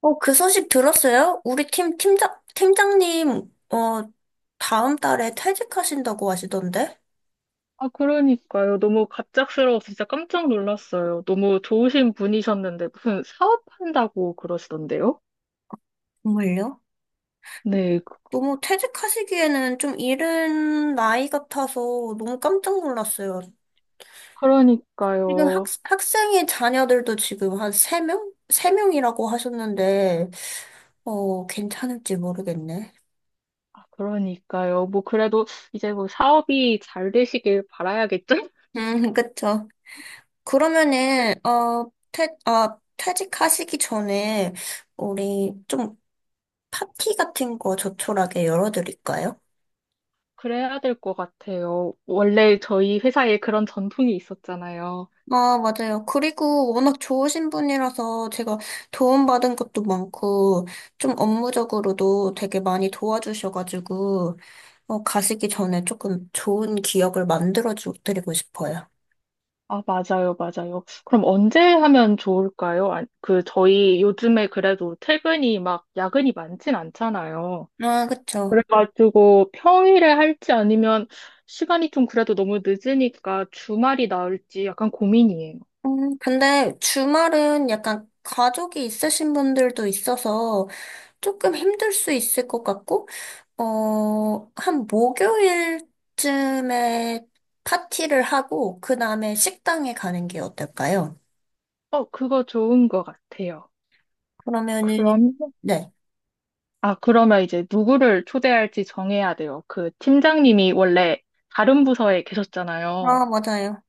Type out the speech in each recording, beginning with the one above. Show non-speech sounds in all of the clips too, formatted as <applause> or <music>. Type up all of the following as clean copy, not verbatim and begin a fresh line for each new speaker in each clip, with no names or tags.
그 소식 들었어요? 우리 팀 팀장님, 다음 달에 퇴직하신다고 하시던데?
아, 그러니까요. 너무 갑작스러워서 진짜 깜짝 놀랐어요. 너무 좋으신 분이셨는데 무슨 사업한다고 그러시던데요?
정말요?
네, 그-
너무 퇴직하시기에는 좀 이른 나이 같아서 너무 깜짝 놀랐어요. 지금 학,
그러니까요.
학생의 자녀들도 지금 한 세명세명이라고 하셨는데, 괜찮을지 모르겠네.
아, 그러니까요. 뭐 그래도 이제 뭐 사업이 잘 되시길 바라야겠죠?
음, <laughs> 그쵸. 그러면은,
<laughs>
퇴직하시기 전에, 우리 좀 파티 같은 거 조촐하게 열어드릴까요?
그래야 될 것 같아요. 원래 저희 회사에 그런 전통이 있었잖아요.
아, 맞아요. 그리고 워낙 좋으신 분이라서 제가 도움받은 것도 많고, 좀 업무적으로도 되게 많이 도와주셔가지고, 가시기 전에 조금 좋은 기억을 만들어드리고 싶어요.
아, 맞아요, 맞아요. 그럼 언제 하면 좋을까요? 아, 그, 저희 요즘에 그래도 퇴근이 막 야근이 많진 않잖아요.
아, 그쵸.
그래가지고 평일에 할지 아니면 시간이 좀 그래도 너무 늦으니까 주말이 나을지 약간 고민이에요.
근데 주말은 약간 가족이 있으신 분들도 있어서 조금 힘들 수 있을 것 같고, 한 목요일쯤에 파티를 하고, 그 다음에 식당에 가는 게 어떨까요?
어, 그거 좋은 것 같아요.
그러면은,
그럼,
네.
아, 그러면 이제 누구를 초대할지 정해야 돼요. 그 팀장님이 원래 다른 부서에 계셨잖아요.
아, 맞아요.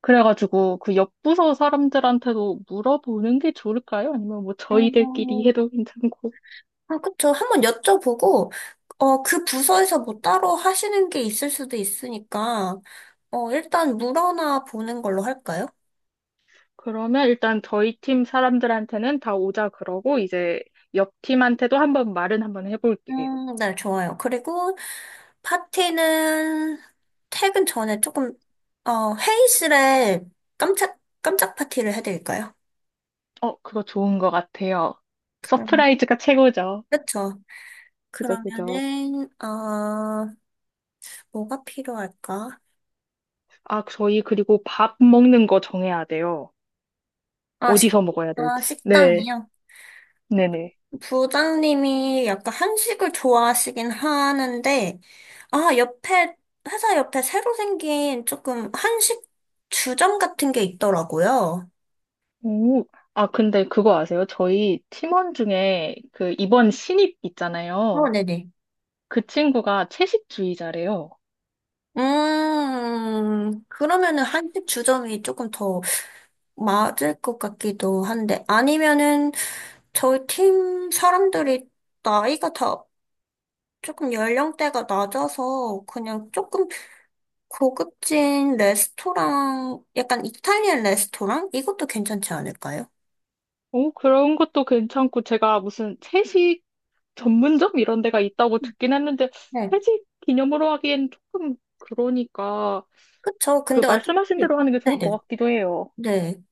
그래가지고 그 옆 부서 사람들한테도 물어보는 게 좋을까요? 아니면 뭐 저희들끼리
음,
해도 괜찮고.
아, 그쵸. 한번 여쭤보고, 그 부서에서 뭐 따로 하시는 게 있을 수도 있으니까, 일단 물어나 보는 걸로 할까요?
그러면 일단 저희 팀 사람들한테는 다 오자 그러고 이제 옆 팀한테도 한번 말은 한번 해볼게요.
네, 좋아요. 그리고 파티는 퇴근 전에 조금, 회의실에 깜짝 파티를 해드릴까요?
어, 그거 좋은 것 같아요.
그럼,
서프라이즈가 최고죠.
그쵸.
그죠, 그죠.
그러면은, 뭐가 필요할까?
아, 저희 그리고 밥 먹는 거 정해야 돼요.
아,
어디서 먹어야 될지. 네,
식당이요.
네네.
부장님이 약간 한식을 좋아하시긴 하는데, 아, 옆에, 회사 옆에 새로 생긴 조금 한식 주점 같은 게 있더라고요.
오, 아, 근데 그거 아세요? 저희 팀원 중에 그 이번 신입 있잖아요.
네네.
그 친구가 채식주의자래요.
그러면은 한식 주점이 조금 더 맞을 것 같기도 한데, 아니면은 저희 팀 사람들이 나이가 다 조금 연령대가 낮아서 그냥 조금 고급진 레스토랑, 약간 이탈리안 레스토랑? 이것도 괜찮지 않을까요?
오, 그런 것도 괜찮고, 제가 무슨 채식 전문점 이런 데가 있다고 듣긴 했는데
네.
회식 기념으로 하기엔 조금 그러니까
그쵸.
그
근데 어차피,
말씀하신 대로 하는 게 좋을 것
네네.
같기도 해요.
네.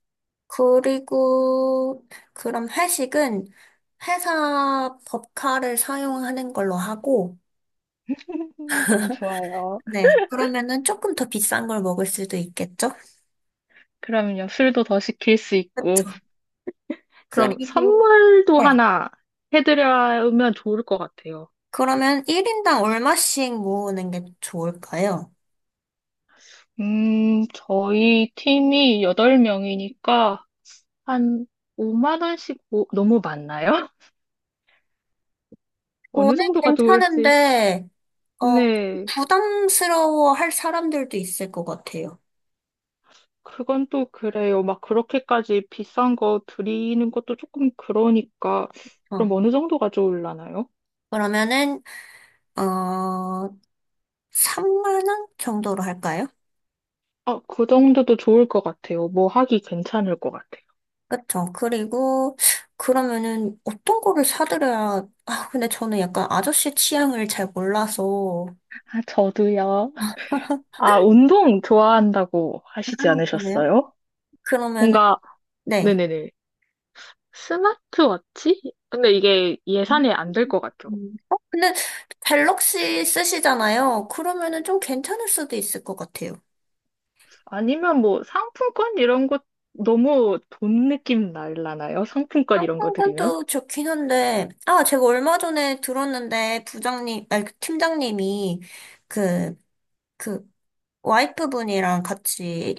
그리고, 그럼 회식은 회사 법카를 사용하는 걸로 하고,
<laughs> 너무 좋아요.
네. 그러면은 조금 더 비싼 걸 먹을 수도 있겠죠?
그럼요. 술도 더 시킬 수 있고.
그쵸.
그럼
그리고,
선물도
네.
하나 해드리면 좋을 것 같아요.
그러면 1인당 얼마씩 모으는 게 좋을까요?
저희 팀이 8명이니까 한 5만 원씩 너무 많나요? <laughs> 어느
저는
정도가 좋을지.
괜찮은데, 어,
네.
부담스러워 할 사람들도 있을 것 같아요.
그건 또 그래요. 막 그렇게까지 비싼 거 드리는 것도 조금 그러니까 그럼
어,
어느 정도가 좋을라나요?
그러면은, 어, 3만 원 정도로 할까요?
아, 그 정도도 좋을 것 같아요. 뭐 하기 괜찮을 것 같아요.
그쵸. 그리고, 그러면은, 어떤 거를 사드려야, 근데 저는 약간 아저씨 취향을 잘 몰라서.
아, 저도요. 아, 운동 좋아한다고
아,
하시지
그래요?
않으셨어요?
그러면은,
뭔가,
네.
네네네. 스마트워치? 근데 이게
음.
예산에 안 될 것 같죠.
근데 갤럭시 쓰시잖아요. 그러면은 좀 괜찮을 수도 있을 것 같아요.
아니면 뭐 상품권 이런 거 너무 돈 느낌 날라나요? 상품권 이런 거 드리면?
상품권도 좋긴 한데, 아, 제가 얼마 전에 들었는데, 부장님, 아니, 그 팀장님이 그, 그, 와이프분이랑 같이,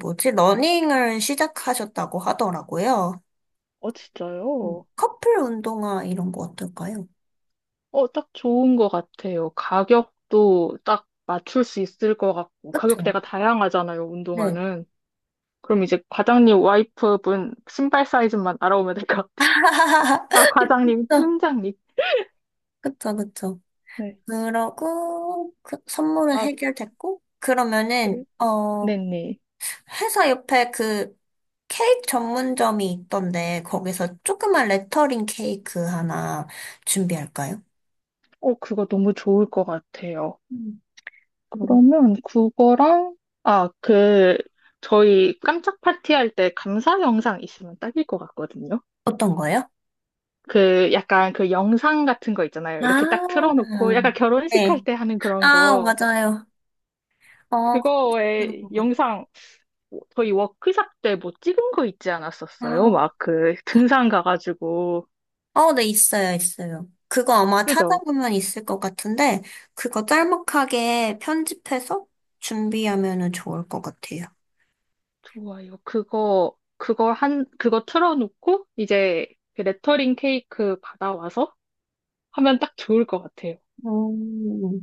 뭐지, 러닝을 시작하셨다고 하더라고요.
어, 진짜요?
커플 운동화 이런 거 어떨까요?
어, 딱 좋은 것 같아요. 가격도 딱 맞출 수 있을 것 같고,
그쵸?
가격대가 다양하잖아요,
네.
운동화는. 그럼 이제 과장님 와이프분 신발 사이즈만 알아보면 될 것 같아요.
<laughs>
아, 과장님,
그쵸,
팀장님.
그쵸, 그쵸.
네.
그러고, 그 선물은
아,
해결됐고, 그러면은,
그래? 네네.
회사 옆에 그 케이크 전문점이 있던데, 거기서 조그만 레터링 케이크 하나 준비할까요?
어, 그거 너무 좋을 것 같아요.
음, 그럼.
그러면 그거랑, 아, 그, 저희 깜짝 파티할 때 감사 영상 있으면 딱일 것 같거든요.
어떤 거요?
그 약간 그 영상 같은 거 있잖아요.
아,
이렇게 딱 틀어놓고 약간 결혼식 할
네.
때 하는 그런
아,
거.
맞아요. 어, 그런
그거에
거 같아요.
영상 저희 워크샵 때 뭐 찍은 거 있지 않았었어요?
아,
막 그 등산 가가지고
네, 있어요, 있어요. 그거 아마
그죠?
찾아보면 있을 것 같은데, 그거 짤막하게 편집해서 준비하면은 좋을 것 같아요.
좋아요. 그거 틀어놓고 이제 그 레터링 케이크 받아와서 하면 딱 좋을 것 같아요.
음,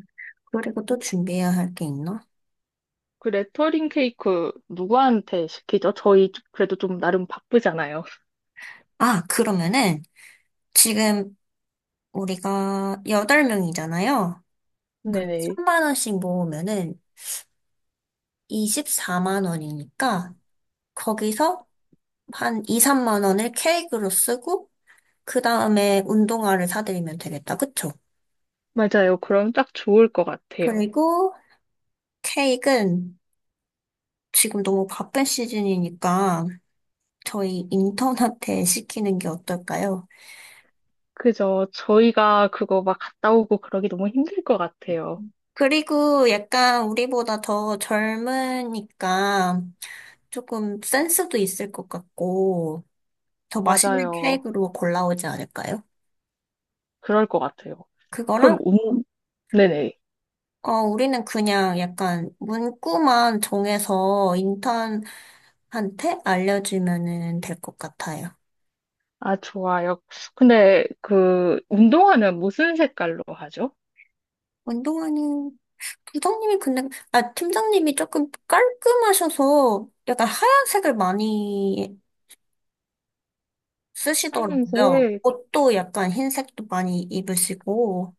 그리고 또 준비해야 할 게 있나?
그 레터링 케이크 누구한테 시키죠? 저희 그래도 좀 나름 바쁘잖아요. <laughs>
아, 그러면은 지금 우리가 8명이잖아요. 그럼
네네.
3만 원씩 모으면은 24만 원이니까 거기서 한 2, 3만 원을 케이크로 쓰고 그 다음에 운동화를 사드리면 되겠다. 그쵸?
맞아요. 그럼 딱 좋을 것 같아요.
그리고 케이크는 지금 너무 바쁜 시즌이니까 저희 인턴한테 시키는 게 어떨까요?
그죠. 저희가 그거 막 갔다 오고 그러기 너무 힘들 것 같아요.
그리고 약간 우리보다 더 젊으니까 조금 센스도 있을 것 같고 더 맛있는
맞아요.
케이크로 골라오지 않을까요?
그럴 것 같아요.
그거랑
그럼, 운, 네네.
우리는 그냥 약간 문구만 정해서 인턴한테 알려주면은 될 것 같아요.
아, 좋아요. 근데 그, 운동화는 무슨 색깔로 하죠?
운동화는 부장님이 근데 아 팀장님이 조금 깔끔하셔서 약간 하얀색을 많이 쓰시더라고요.
하얀색.
옷도 약간 흰색도 많이 입으시고,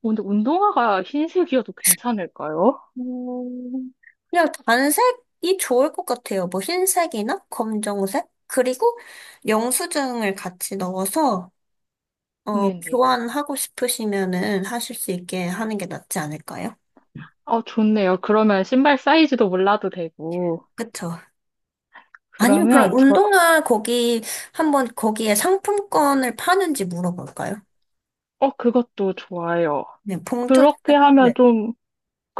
근데 운동화가 흰색이어도 괜찮을까요?
음, 그냥 단색이 좋을 것 같아요. 뭐 흰색이나 검정색? 그리고 영수증을 같이 넣어서,
네네.
교환하고 싶으시면은 하실 수 있게 하는 게 낫지 않을까요?
어, 좋네요. 그러면 신발 사이즈도 몰라도 되고.
그쵸. 아니면 그럼
그러면 저,
운동화 거기, 한번 거기에 상품권을 파는지 물어볼까요?
어, 그것도 좋아요.
네, 봉투,
그렇게 하면
네.
좀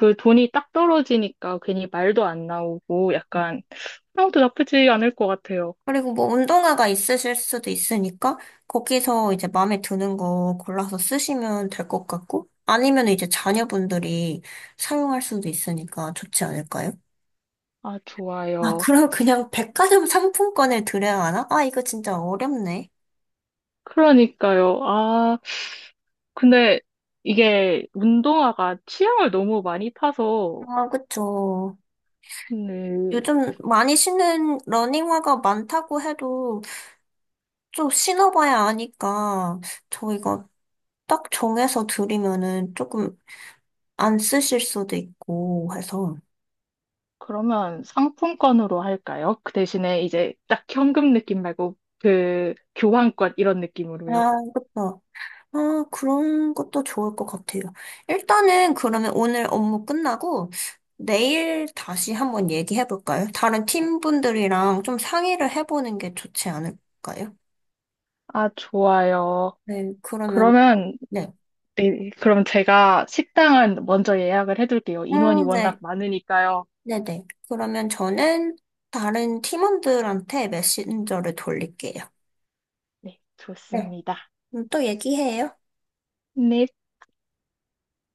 그 돈이 딱 떨어지니까 괜히 말도 안 나오고 약간 아무도 나쁘지 않을 것 같아요.
그리고 뭐 운동화가 있으실 수도 있으니까 거기서 이제 마음에 드는 거 골라서 쓰시면 될 것 같고 아니면 이제 자녀분들이 사용할 수도 있으니까 좋지 않을까요?
아,
아,
좋아요.
그럼 그냥 백화점 상품권을 드려야 하나? 아, 이거 진짜 어렵네.
그러니까요. 아, 근데 이게 운동화가 취향을 너무 많이 타서,
아, 그쵸.
네,
요즘 많이 신는 러닝화가 많다고 해도 좀 신어봐야 아니까 저 이거 딱 정해서 드리면은 조금 안 쓰실 수도 있고 해서.
그러면 상품권으로 할까요? 그 대신에 이제 딱 현금 느낌 말고 그 교환권 이런
아,
느낌으로요.
그쵸. 아, 그런 것도 좋을 것 같아요. 일단은 그러면 오늘 업무 끝나고 내일 다시 한번 얘기해 볼까요? 다른 팀분들이랑 좀 상의를 해보는 게 좋지 않을까요?
아, 좋아요.
네, 그러면,
그러면,
네.
네, 그럼 제가 식당은 먼저 예약을 해둘게요. 인원이 워낙
네.
많으니까요.
네네. 그러면 저는 다른 팀원들한테 메신저를 돌릴게요.
네,
네.
좋습니다.
그럼 또 얘기해요.
네,